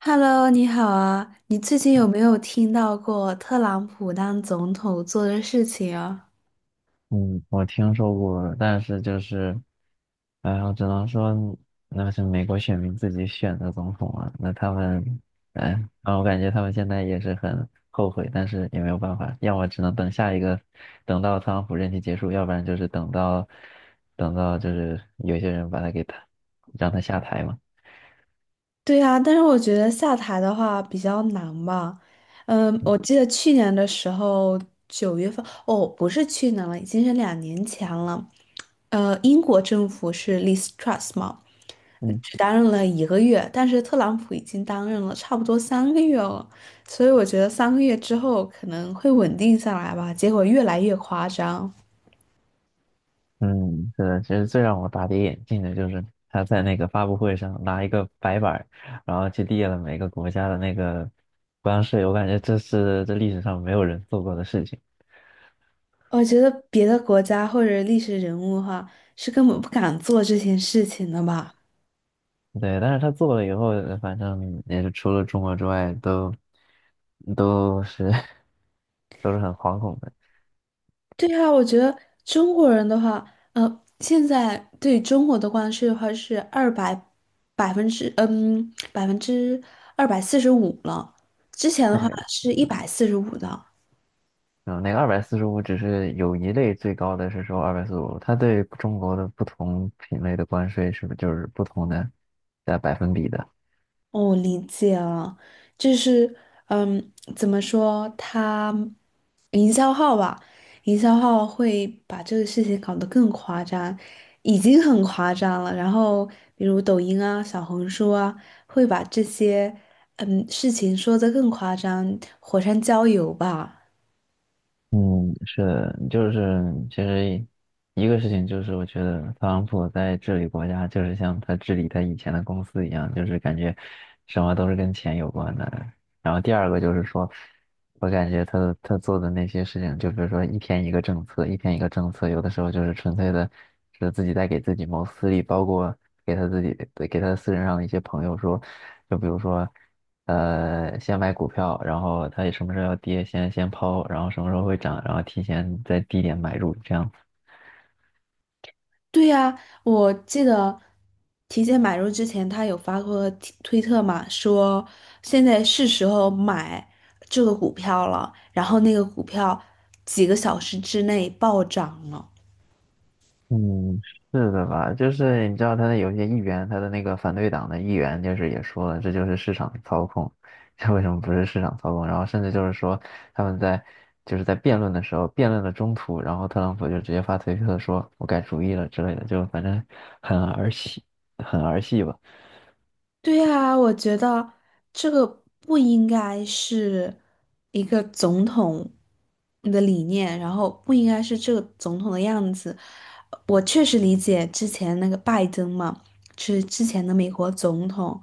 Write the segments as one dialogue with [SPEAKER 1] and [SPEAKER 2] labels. [SPEAKER 1] Hello，你好啊！你最近有没有听到过特朗普当总统做的事情啊？
[SPEAKER 2] 嗯，我听说过，但是就是，哎呀，我只能说那是美国选民自己选的总统啊，那他们，哎，啊，我感觉他们现在也是很后悔，但是也没有办法，要么只能等下一个，等到特朗普任期结束，要不然就是等到就是有些人把他给他，让他下台嘛。
[SPEAKER 1] 对啊，但是我觉得下台的话比较难吧。嗯，我记得去年的时候，九月份，哦，不是去年了，已经是2年前了。英国政府是 Liz Truss 嘛，
[SPEAKER 2] 嗯。
[SPEAKER 1] 只担任了1个月，但是特朗普已经担任了差不多三个月了，所以我觉得三个月之后可能会稳定下来吧。结果越来越夸张。
[SPEAKER 2] 嗯，是的，其实最让我大跌眼镜的就是他在那个发布会上拿一个白板儿然后去列了每个国家的那个关税，我感觉这是历史上没有人做过的事情。
[SPEAKER 1] 我觉得别的国家或者历史人物的话，是根本不敢做这件事情的吧？
[SPEAKER 2] 对，但是他做了以后，反正也是除了中国之外，都是 都是很惶恐的。
[SPEAKER 1] 对啊，我觉得中国人的话，现在对中国的关税的话是二百百分之嗯百分之245了，之前的
[SPEAKER 2] 那
[SPEAKER 1] 话
[SPEAKER 2] 个，
[SPEAKER 1] 是145的。
[SPEAKER 2] 嗯，那个二百四十五只是有一类最高的是说二百四十五，它对中国的不同品类的关税是不是就是不同的在百分比的？
[SPEAKER 1] 哦，理解了，就是，怎么说，营销号吧，营销号会把这个事情搞得更夸张，已经很夸张了。然后，比如抖音啊、小红书啊，会把这些事情说得更夸张，火上浇油吧。
[SPEAKER 2] 嗯，是的，就是其实一个事情就是，我觉得特朗普在治理国家，就是像他治理他以前的公司一样，就是感觉什么都是跟钱有关的。然后第二个就是说，我感觉他做的那些事情，就比如说一天一个政策，一天一个政策，有的时候就是纯粹的是自己在给自己谋私利，包括给他自己给他私人上的一些朋友说，就比如说。先买股票，然后它什么时候要跌先抛，然后什么时候会涨，然后提前在低点买入，这样子。
[SPEAKER 1] 对呀，我记得提前买入之前，他有发过推特嘛，说现在是时候买这个股票了，然后那个股票几个小时之内暴涨了。
[SPEAKER 2] 嗯，是的吧？就是你知道他的有些议员，他的那个反对党的议员，就是也说了，这就是市场操控，这为什么不是市场操控？然后甚至就是说他们在就是在辩论的时候，辩论的中途，然后特朗普就直接发推特说我改主意了之类的，就反正很儿戏，很儿戏吧。
[SPEAKER 1] 对啊，我觉得这个不应该是一个总统的理念，然后不应该是这个总统的样子。我确实理解之前那个拜登嘛，是之前的美国总统，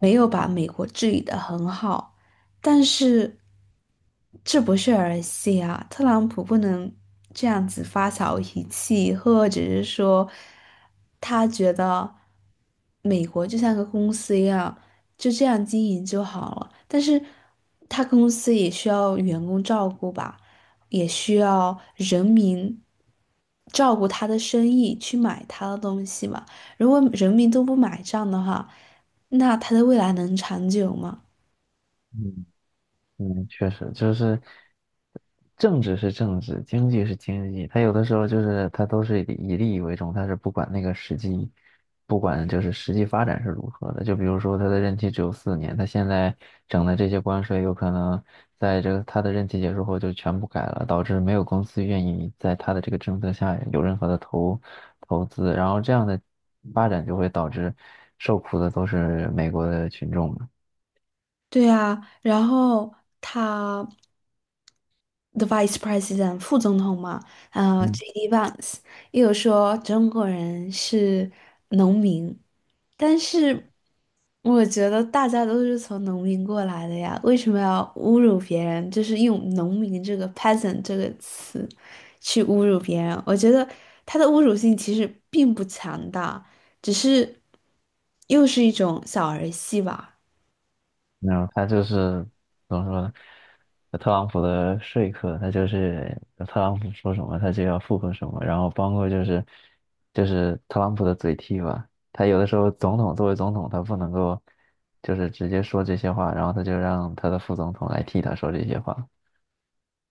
[SPEAKER 1] 没有把美国治理的很好。但是这不是儿戏啊，特朗普不能这样子发小脾气，或者是说他觉得美国就像个公司一样，就这样经营就好了。但是他公司也需要员工照顾吧，也需要人民。照顾他的生意，去买他的东西嘛。如果人民都不买账的话，那他的未来能长久吗？
[SPEAKER 2] 嗯。嗯，确实就是政治是政治，经济是经济，它有的时候就是它都是以利益为重，它是不管那个实际，不管就是实际发展是如何的。就比如说他的任期只有4年，他现在整的这些关税有可能在这个他的任期结束后就全部改了，导致没有公司愿意在他的这个政策下有任何的投资，然后这样的发展就会导致受苦的都是美国的群众嘛。
[SPEAKER 1] 对啊，然后他的 Vice President 副总统嘛，
[SPEAKER 2] 嗯，
[SPEAKER 1] JD Vance 也有说中国人是农民，但是我觉得大家都是从农民过来的呀，为什么要侮辱别人？就是用农民这个 peasant 这个词去侮辱别人，我觉得他的侮辱性其实并不强大，只是又是一种小儿戏吧。
[SPEAKER 2] 没有，他就是怎么说呢？特朗普的说客，他就是特朗普说什么，他就要附和什么，然后包括就是特朗普的嘴替吧，他有的时候总统作为总统，他不能够就是直接说这些话，然后他就让他的副总统来替他说这些话。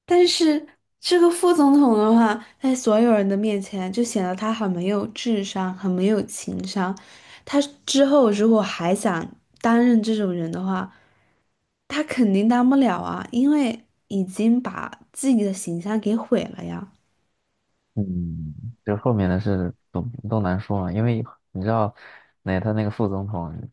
[SPEAKER 1] 但是这个副总统的话，在所有人的面前就显得他很没有智商，很没有情商。他之后如果还想担任这种人的话，他肯定当不了啊，因为已经把自己的形象给毁了呀。
[SPEAKER 2] 嗯，就后面的事都难说嘛，因为你知道，那他那个副总统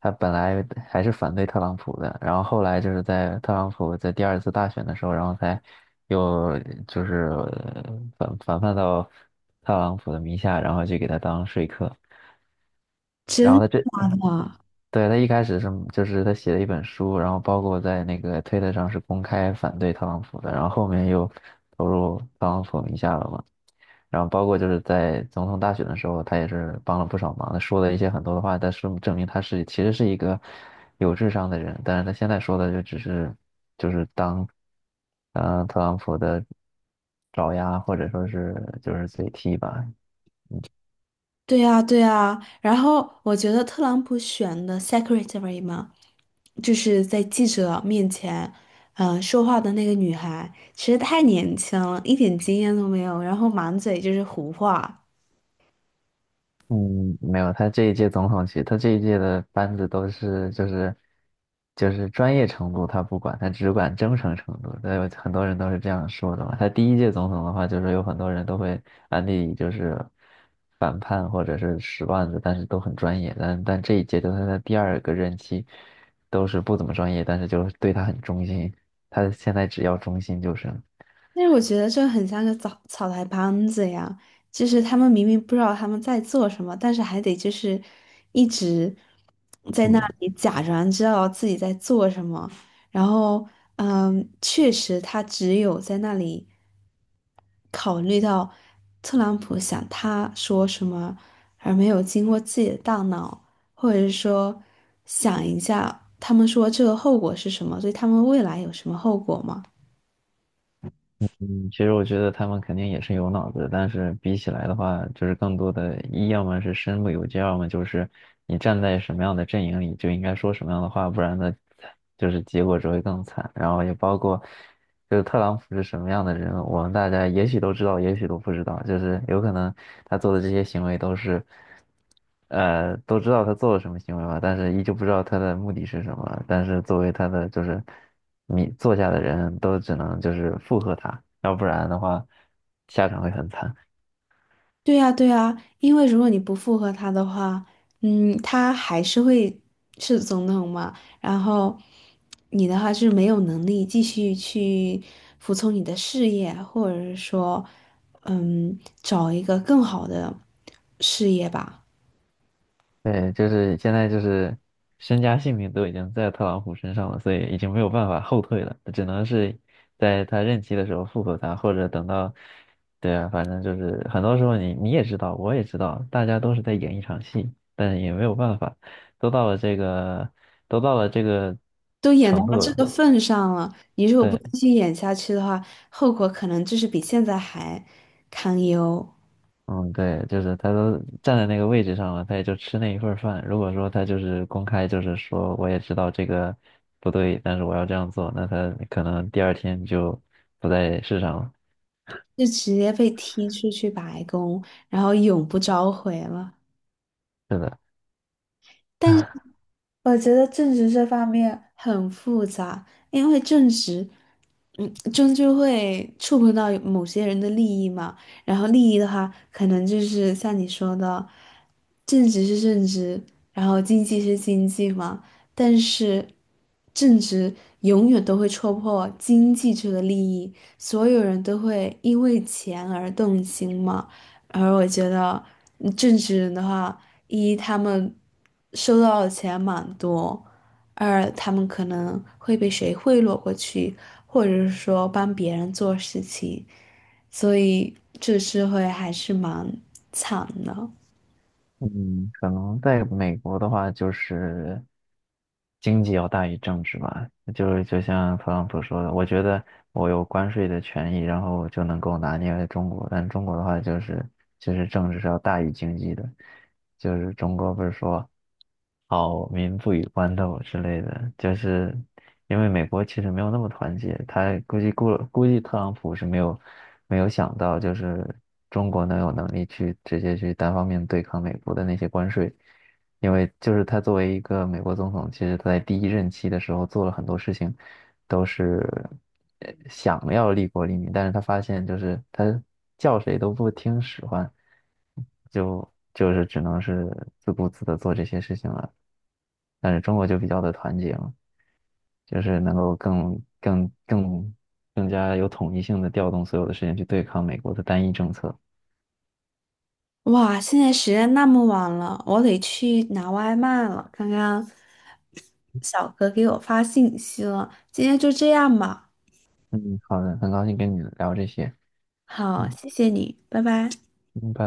[SPEAKER 2] 他本来还是反对特朗普的，然后后来就是在特朗普在第二次大选的时候，然后才又就是反叛到特朗普的名下，然后去给他当说客。然
[SPEAKER 1] 真
[SPEAKER 2] 后
[SPEAKER 1] 的
[SPEAKER 2] 他这，
[SPEAKER 1] 假的？
[SPEAKER 2] 对，他一开始是就是他写了一本书，然后包括在那个推特上是公开反对特朗普的，然后后面又投入特朗普名下了嘛。然后包括就是在总统大选的时候，他也是帮了不少忙，他说了一些很多的话，但是证明他是其实是一个有智商的人，但是他现在说的就只是就是当特朗普的爪牙或者说是就是嘴替吧。
[SPEAKER 1] 对呀，对呀。然后我觉得特朗普选的 secretary 嘛。就是在记者面前，说话的那个女孩，其实太年轻了，一点经验都没有，然后满嘴就是胡话，
[SPEAKER 2] 嗯，没有，他这一届总统其实他这一届的班子都是就是专业程度他不管，他只管忠诚程度。对，有很多人都是这样说的嘛。他第一届总统的话，就是有很多人都会安利就是反叛或者是使绊子，但是都很专业。但这一届就是他的第二个任期，都是不怎么专业，但是就是对他很忠心。他现在只要忠心就是了，
[SPEAKER 1] 但是我觉得这很像个草草台班子呀，就是他们明明不知道他们在做什么，但是还得就是一直在那
[SPEAKER 2] 嗯。
[SPEAKER 1] 里假装知道自己在做什么，然后确实他只有在那里考虑到特朗普想他说什么，而没有经过自己的大脑，或者是说想一下他们说这个后果是什么，对他们未来有什么后果吗？
[SPEAKER 2] 嗯，其实我觉得他们肯定也是有脑子的，但是比起来的话，就是更多的一要么是身不由己，要么就是你站在什么样的阵营里就应该说什么样的话，不然呢，就是结果只会更惨。然后也包括，就是特朗普是什么样的人，我们大家也许都知道，也许都不知道，就是有可能他做的这些行为都是。都知道他做了什么行为吧，但是依旧不知道他的目的是什么。但是作为他的就是你坐下的人都只能就是附和他，要不然的话下场会很惨。
[SPEAKER 1] 对呀，对呀，因为如果你不附和他的话，他还是会是总统嘛，然后你的话是没有能力继续去服从你的事业，或者是说，嗯，找一个更好的事业吧。
[SPEAKER 2] 对，就是现在就是身家性命都已经在特朗普身上了，所以已经没有办法后退了，只能是在他任期的时候复合他，或者等到，对啊，反正就是很多时候你也知道，我也知道，大家都是在演一场戏，但是也没有办法，都到了这个都到了这个
[SPEAKER 1] 都演到
[SPEAKER 2] 程度
[SPEAKER 1] 这个
[SPEAKER 2] 了，
[SPEAKER 1] 份上了，你如果不
[SPEAKER 2] 对。
[SPEAKER 1] 继续演下去的话，后果可能就是比现在还堪忧，
[SPEAKER 2] 嗯，对，就是他都站在那个位置上了，他也就吃那一份儿饭。如果说他就是公开，就是说我也知道这个不对，但是我要这样做，那他可能第二天就不在世上了。
[SPEAKER 1] 就直接被踢出去白宫，然后永不召回了。
[SPEAKER 2] 是的，
[SPEAKER 1] 但我觉得政治这方面很复杂，因为政治，终究会触碰到某些人的利益嘛。然后利益的话，可能就是像你说的，政治是政治，然后经济是经济嘛。但是，政治永远都会戳破经济这个利益，所有人都会因为钱而动心嘛。而我觉得正职人的话，一他们收到的钱蛮多，二他们可能会被谁贿赂过去，或者是说帮别人做事情，所以这社会还是蛮惨的。
[SPEAKER 2] 嗯，可能在美国的话，就是经济要大于政治吧。就是就像特朗普说的，我觉得我有关税的权益，然后我就能够拿捏中国。但中国的话，就是就是政治是要大于经济的。就是中国不是说。好民不与官斗之类的，就是因为美国其实没有那么团结，他估计特朗普是没有想到，就是中国能有能力去直接去单方面对抗美国的那些关税，因为就是他作为一个美国总统，其实他在第一任期的时候做了很多事情，都是想要利国利民，但是他发现就是他叫谁都不听使唤。就是只能是自顾自的做这些事情了。但是中国就比较的团结嘛，就是能够更加有统一性的调动所有的事情去对抗美国的单一政策。
[SPEAKER 1] 哇，现在时间那么晚了，我得去拿外卖了。刚刚小哥给我发信息了，今天就这样吧。
[SPEAKER 2] 嗯，好的，很高兴跟你聊这些。
[SPEAKER 1] 好，
[SPEAKER 2] 嗯，
[SPEAKER 1] 谢谢你，拜拜。
[SPEAKER 2] 嗯，拜拜。